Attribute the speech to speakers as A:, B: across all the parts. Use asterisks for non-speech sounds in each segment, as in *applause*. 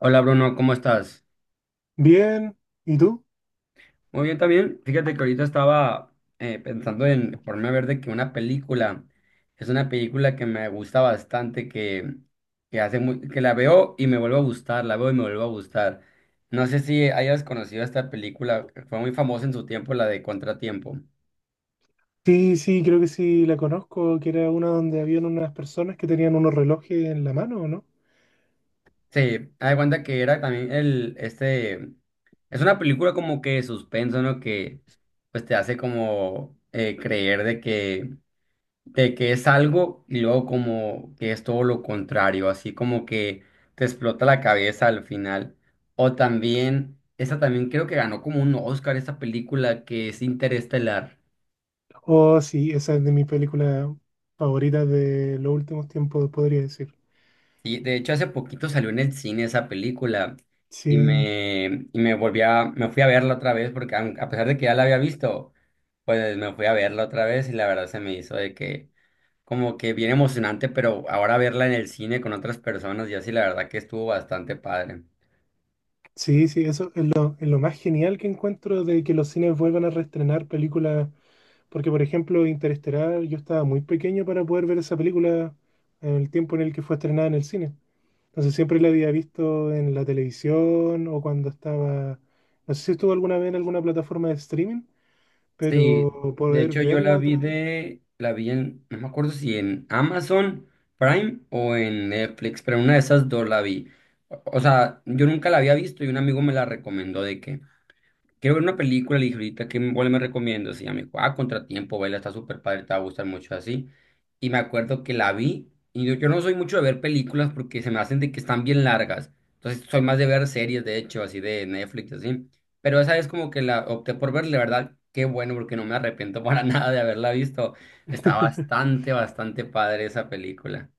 A: Hola Bruno, ¿cómo estás?
B: Bien, ¿y tú?
A: Muy bien también. Fíjate que ahorita estaba pensando en ponerme a ver de que una película es una película que me gusta bastante, que hace que la veo y me vuelve a gustar, la veo y me vuelve a gustar. No sé si hayas conocido esta película, que fue muy famosa en su tiempo, la de Contratiempo.
B: Sí, sí, creo que sí la conozco, que era una donde habían unas personas que tenían unos relojes en la mano, ¿no?
A: Sí, haz de cuenta que era también es una película como que de suspenso, ¿no? Que pues te hace como creer de que es algo y luego como que es todo lo contrario, así como que te explota la cabeza al final. O también, esa también creo que ganó como un Oscar esa película que es Interestelar.
B: Oh, sí, esa es de mis películas favoritas de los últimos tiempos, podría decir.
A: Y de hecho hace poquito salió en el cine esa película y
B: Sí,
A: me volví me fui a verla otra vez porque a pesar de que ya la había visto, pues me fui a verla otra vez y la verdad se me hizo de que como que bien emocionante, pero ahora verla en el cine con otras personas y así la verdad que estuvo bastante padre.
B: sí, sí, eso es lo más genial que encuentro de que los cines vuelvan a reestrenar películas, porque por ejemplo Interestelar, yo estaba muy pequeño para poder ver esa película en el tiempo en el que fue estrenada en el cine. Entonces siempre la había visto en la televisión o cuando estaba, no sé si estuvo alguna vez en alguna plataforma de streaming,
A: Sí,
B: pero
A: de
B: poder
A: hecho yo la
B: verla
A: vi
B: otra vez.
A: la vi en, no me acuerdo si en Amazon Prime o en Netflix, pero en una de esas dos la vi. O sea, yo nunca la había visto y un amigo me la recomendó de que, quiero ver una película, le dije ahorita, ¿cuál me recomiendas? Y ella me dijo, ah, Contratiempo, vela, está súper padre, te va a gustar mucho así. Y me acuerdo que la vi, y yo no soy mucho de ver películas porque se me hacen de que están bien largas. Entonces, soy más de ver series, de hecho, así de Netflix, así. Pero esa es como que la opté por verla, la verdad, qué bueno, porque no me arrepiento para *laughs* nada de haberla visto. Está
B: *laughs*
A: bastante, bastante padre esa película.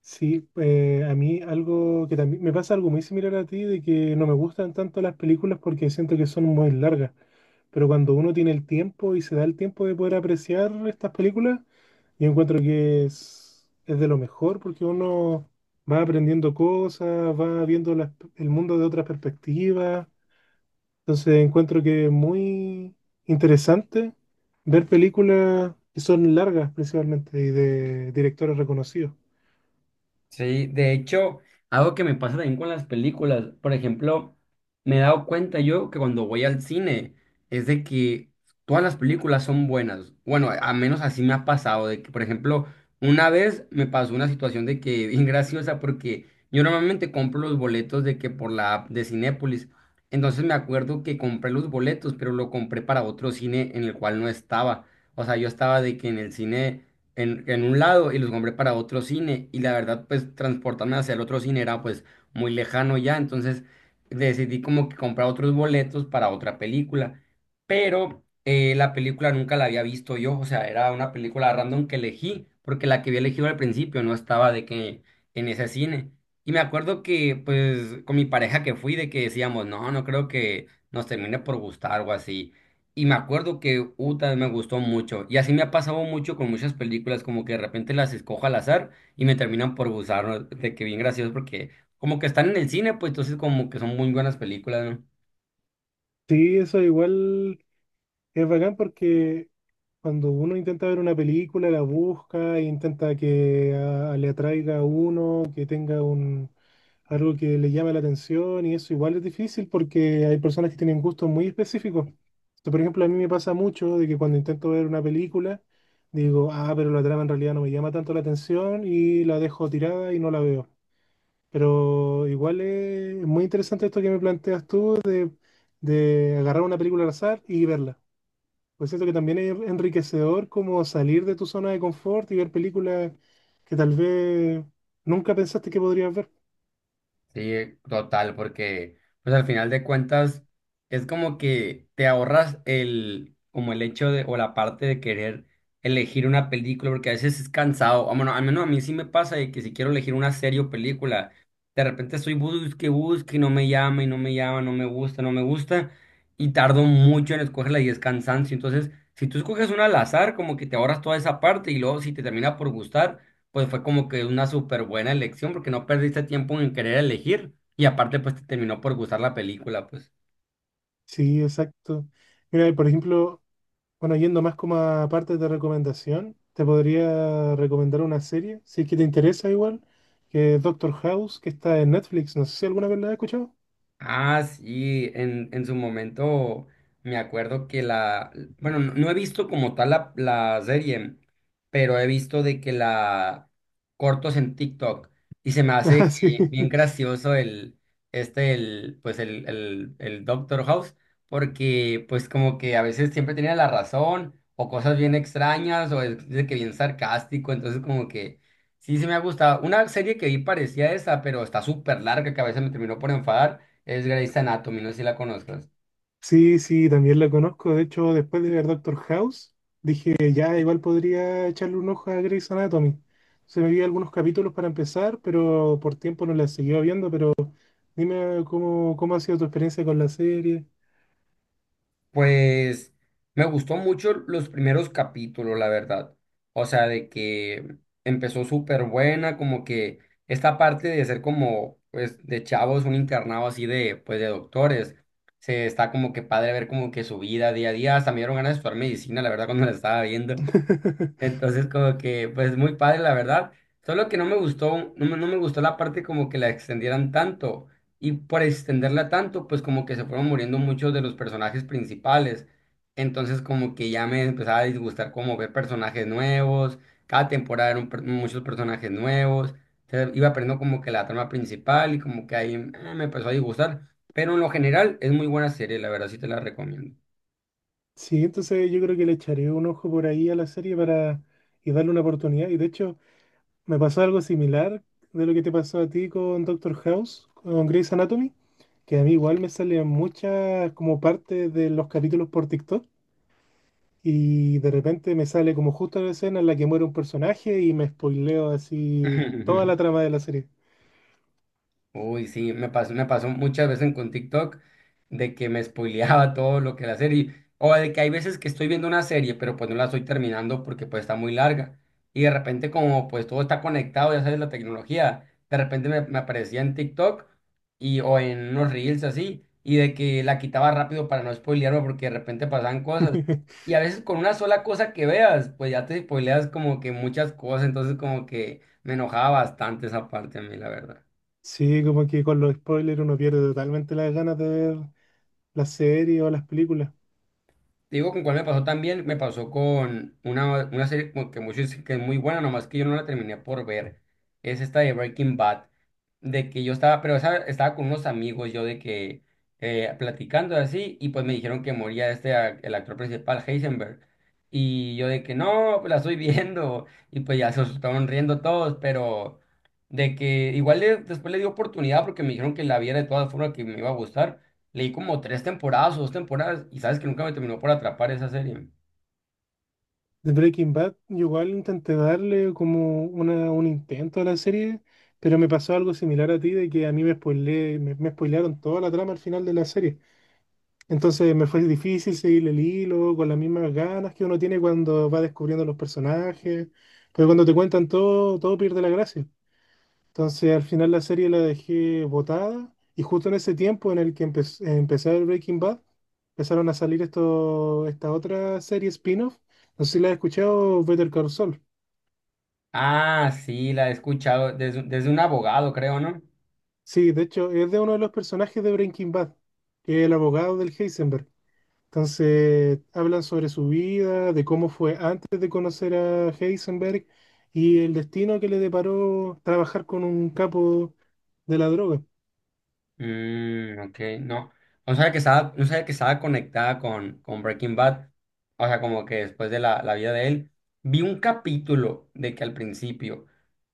B: Sí, a mí algo que también me pasa algo muy similar a ti, de que no me gustan tanto las películas porque siento que son muy largas. Pero cuando uno tiene el tiempo y se da el tiempo de poder apreciar estas películas, yo encuentro que es de lo mejor porque uno va aprendiendo cosas, va viendo las- el mundo de otras perspectivas. Entonces encuentro que es muy interesante ver películas que son largas principalmente y de directores reconocidos.
A: Sí, de hecho, algo que me pasa también con las películas, por ejemplo, me he dado cuenta yo que cuando voy al cine es de que todas las películas son buenas. Bueno, a menos así me ha pasado, de que, por ejemplo, una vez me pasó una situación de que *laughs* bien graciosa porque yo normalmente compro los boletos de que por la app de Cinépolis. Entonces me acuerdo que compré los boletos, pero lo compré para otro cine en el cual no estaba. O sea, yo estaba de que en el cine en un lado y los compré para otro cine y la verdad pues transportarme hacia el otro cine era pues muy lejano ya, entonces decidí como que comprar otros boletos para otra película, pero la película nunca la había visto yo, o sea, era una película random que elegí porque la que había elegido al principio no estaba de que en ese cine. Y me acuerdo que pues con mi pareja que fui de que decíamos, no, no creo que nos termine por gustar o así. Y me acuerdo que Uta me gustó mucho. Y así me ha pasado mucho con muchas películas, como que de repente las escojo al azar y me terminan por gustar, ¿no? De que bien gracioso, porque como que están en el cine, pues entonces como que son muy buenas películas, ¿no?
B: Sí, eso igual es bacán porque cuando uno intenta ver una película, la busca e intenta que le atraiga a uno, que tenga un, algo que le llame la atención, y eso igual es difícil porque hay personas que tienen gustos muy específicos. Esto, por ejemplo, a mí me pasa mucho de que cuando intento ver una película, digo, ah, pero la trama en realidad no me llama tanto la atención y la dejo tirada y no la veo. Pero igual es muy interesante esto que me planteas tú de agarrar una película al azar y verla. Pues siento que también es enriquecedor como salir de tu zona de confort y ver películas que tal vez nunca pensaste que podrías ver.
A: Sí, total, porque pues al final de cuentas es como que te ahorras como el hecho de, o la parte de querer elegir una película, porque a veces es cansado. Ah, bueno, al menos a mí sí me pasa de que si quiero elegir una serie o película, de repente estoy busque, busque, y no me llama, y no me llama, no me gusta, no me gusta, y tardo mucho en escogerla y es cansancio. Entonces, si tú escoges una al azar, como que te ahorras toda esa parte y luego si te termina por gustar pues fue como que una súper buena elección porque no perdiste tiempo en querer elegir y aparte pues te terminó por gustar la película, pues.
B: Sí, exacto. Mira, por ejemplo, bueno, yendo más como a partes de recomendación, te podría recomendar una serie, si es que te interesa igual, que es Doctor House, que está en Netflix. No sé si alguna vez la has escuchado.
A: Ah, sí, en su momento me acuerdo bueno, no he visto como tal la serie, pero he visto de que la cortos en TikTok y se me
B: *laughs*
A: hace
B: Ah, sí.
A: que bien gracioso el, este, el, pues el Doctor House, porque pues como que a veces siempre tenía la razón o cosas bien extrañas o es de que bien sarcástico, entonces como que sí me ha gustado. Una serie que vi parecía esa, pero está súper larga que a veces me terminó por enfadar es Grey's Anatomy, no sé si la conozcas.
B: Sí, sí, también la conozco. De hecho, después de ver Doctor House, dije, ya, igual podría echarle un ojo a Grey's Anatomy. Se me vi algunos capítulos para empezar, pero por tiempo no la seguía viendo. Pero dime cómo, cómo ha sido tu experiencia con la serie.
A: Pues me gustó mucho los primeros capítulos, la verdad. O sea, de que empezó súper buena, como que esta parte de ser como, pues, de chavos, un internado así de, pues, de doctores. Se está como que padre ver como que su vida día a día. Hasta me dieron ganas de estudiar medicina, la verdad, cuando la estaba viendo.
B: *laughs*
A: Entonces, como que, pues muy padre, la verdad. Solo que no me gustó, no me gustó la parte como que la extendieran tanto. Y por extenderla tanto, pues como que se fueron muriendo muchos de los personajes principales. Entonces, como que ya me empezaba a disgustar como ver personajes nuevos. Cada temporada eran muchos personajes nuevos. Se iba perdiendo como que la trama principal y como que ahí me empezó a disgustar. Pero en lo general es muy buena serie, la verdad, sí te la recomiendo.
B: Sí, entonces yo creo que le echaré un ojo por ahí a la serie para y darle una oportunidad. Y de hecho, me pasó algo similar de lo que te pasó a ti con Doctor House, con Grey's Anatomy, que a mí igual me salían muchas como partes de los capítulos por TikTok, y de repente me sale como justo la escena en la que muere un personaje y me spoileo así toda la
A: *laughs*
B: trama de la serie.
A: Uy, sí, me pasó muchas veces con TikTok de que me spoileaba *laughs* todo lo que la serie, o de que hay veces que estoy viendo una serie, pero pues no la estoy terminando porque pues está muy larga, y de repente como pues todo está conectado, ya sabes, la tecnología, de repente me aparecía en TikTok y, o en unos reels así, y de que la quitaba rápido para no spoilearme porque de repente pasaban cosas,
B: *laughs*
A: y a veces con una sola cosa que veas, pues ya te spoileas como que muchas cosas, entonces como que me enojaba bastante esa parte a mí, la verdad.
B: Sí, como que con los spoilers uno pierde totalmente las ganas de ver la serie o las películas.
A: Te digo, ¿con cuál me pasó también? Me pasó con una serie como que muchos dicen que es muy buena, nomás que yo no la terminé por ver. Es esta de Breaking Bad. De que yo estaba, pero estaba con unos amigos, yo de que platicando así, y pues me dijeron que moría este, el actor principal, Heisenberg. Y yo de que no, pues la estoy *laughs* viendo. Y pues ya se estaban riendo todos, pero de que igual después le di oportunidad porque me dijeron que la viera de todas formas que me iba a gustar. Leí como tres temporadas o dos temporadas y sabes que nunca me terminó por atrapar esa serie.
B: De Breaking Bad, yo igual intenté darle como una, un intento a la serie, pero me pasó algo similar a ti, de que a mí me spoilearon toda la trama al final de la serie. Entonces me fue difícil seguir el hilo con las mismas ganas que uno tiene cuando va descubriendo los personajes, pero cuando te cuentan todo, todo pierde la gracia. Entonces al final la serie la dejé botada, y justo en ese tiempo en el que empecé a ver Breaking Bad, empezaron a salir esto, esta otra serie spin-off. No sé si la has escuchado, Better Call Saul.
A: Ah, sí, la he escuchado desde un abogado, creo, ¿no?
B: Sí, de hecho es de uno de los personajes de Breaking Bad, que es el abogado del Heisenberg. Entonces hablan sobre su vida, de cómo fue antes de conocer a Heisenberg y el destino que le deparó trabajar con un capo de la droga.
A: Mm, ok, no. No sabía que estaba, no sabía que estaba conectada con Breaking Bad. O sea, como que después de la vida de él. Vi un capítulo de que al principio,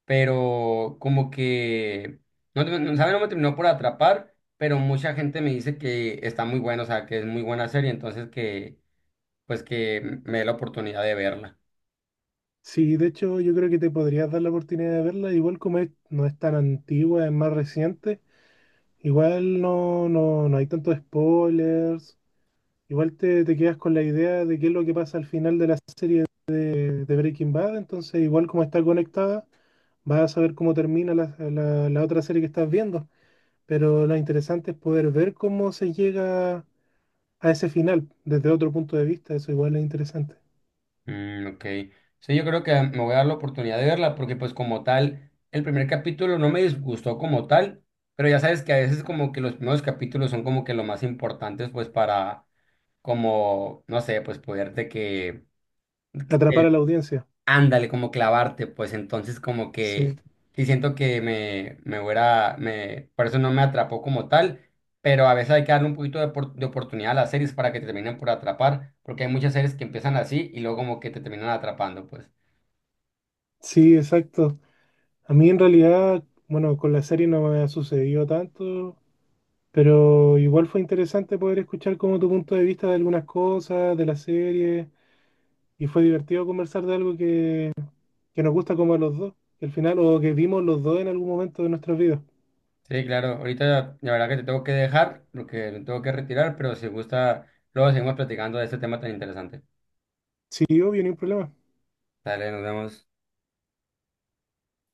A: pero como que, ¿sabe? No me terminó por atrapar, pero mucha gente me dice que está muy bueno, o sea, que es muy buena serie, entonces que pues que me dé la oportunidad de verla.
B: Sí, de hecho yo creo que te podrías dar la oportunidad de verla, igual como es- no es tan antigua, es más reciente, igual no, no, no hay tantos spoilers, igual te quedas con la idea de qué es lo que pasa al final de la serie de Breaking Bad, entonces igual como está conectada, vas a saber cómo termina la otra serie que estás viendo, pero lo interesante es poder ver cómo se llega a ese final desde otro punto de vista, eso igual es interesante,
A: Mm, ok. Sí, yo creo que me voy a dar la oportunidad de verla porque pues como tal, el primer capítulo no me disgustó como tal, pero ya sabes que a veces como que los primeros capítulos son como que lo más importantes pues para como, no sé, pues poderte que...
B: atrapar a la audiencia,
A: Ándale, como clavarte, pues entonces como
B: sí,
A: que sí siento que por eso no me atrapó como tal, pero a veces hay que darle un poquito de oportunidad a las series para que te terminen por atrapar, porque hay muchas series que empiezan así y luego como que te terminan atrapando, pues.
B: sí, exacto. A mí en realidad, bueno, con la serie no me ha sucedido tanto, pero igual fue interesante poder escuchar como tu punto de vista de algunas cosas, de la serie, y fue divertido conversar de algo que nos gusta como a los dos, que al final, o que vimos los dos en algún momento de nuestras vidas.
A: Sí, claro, ahorita la verdad que te tengo que dejar porque me tengo que retirar, pero si gusta, luego seguimos platicando de este tema tan interesante.
B: Sí, obvio, ni un problema.
A: Dale, nos vemos.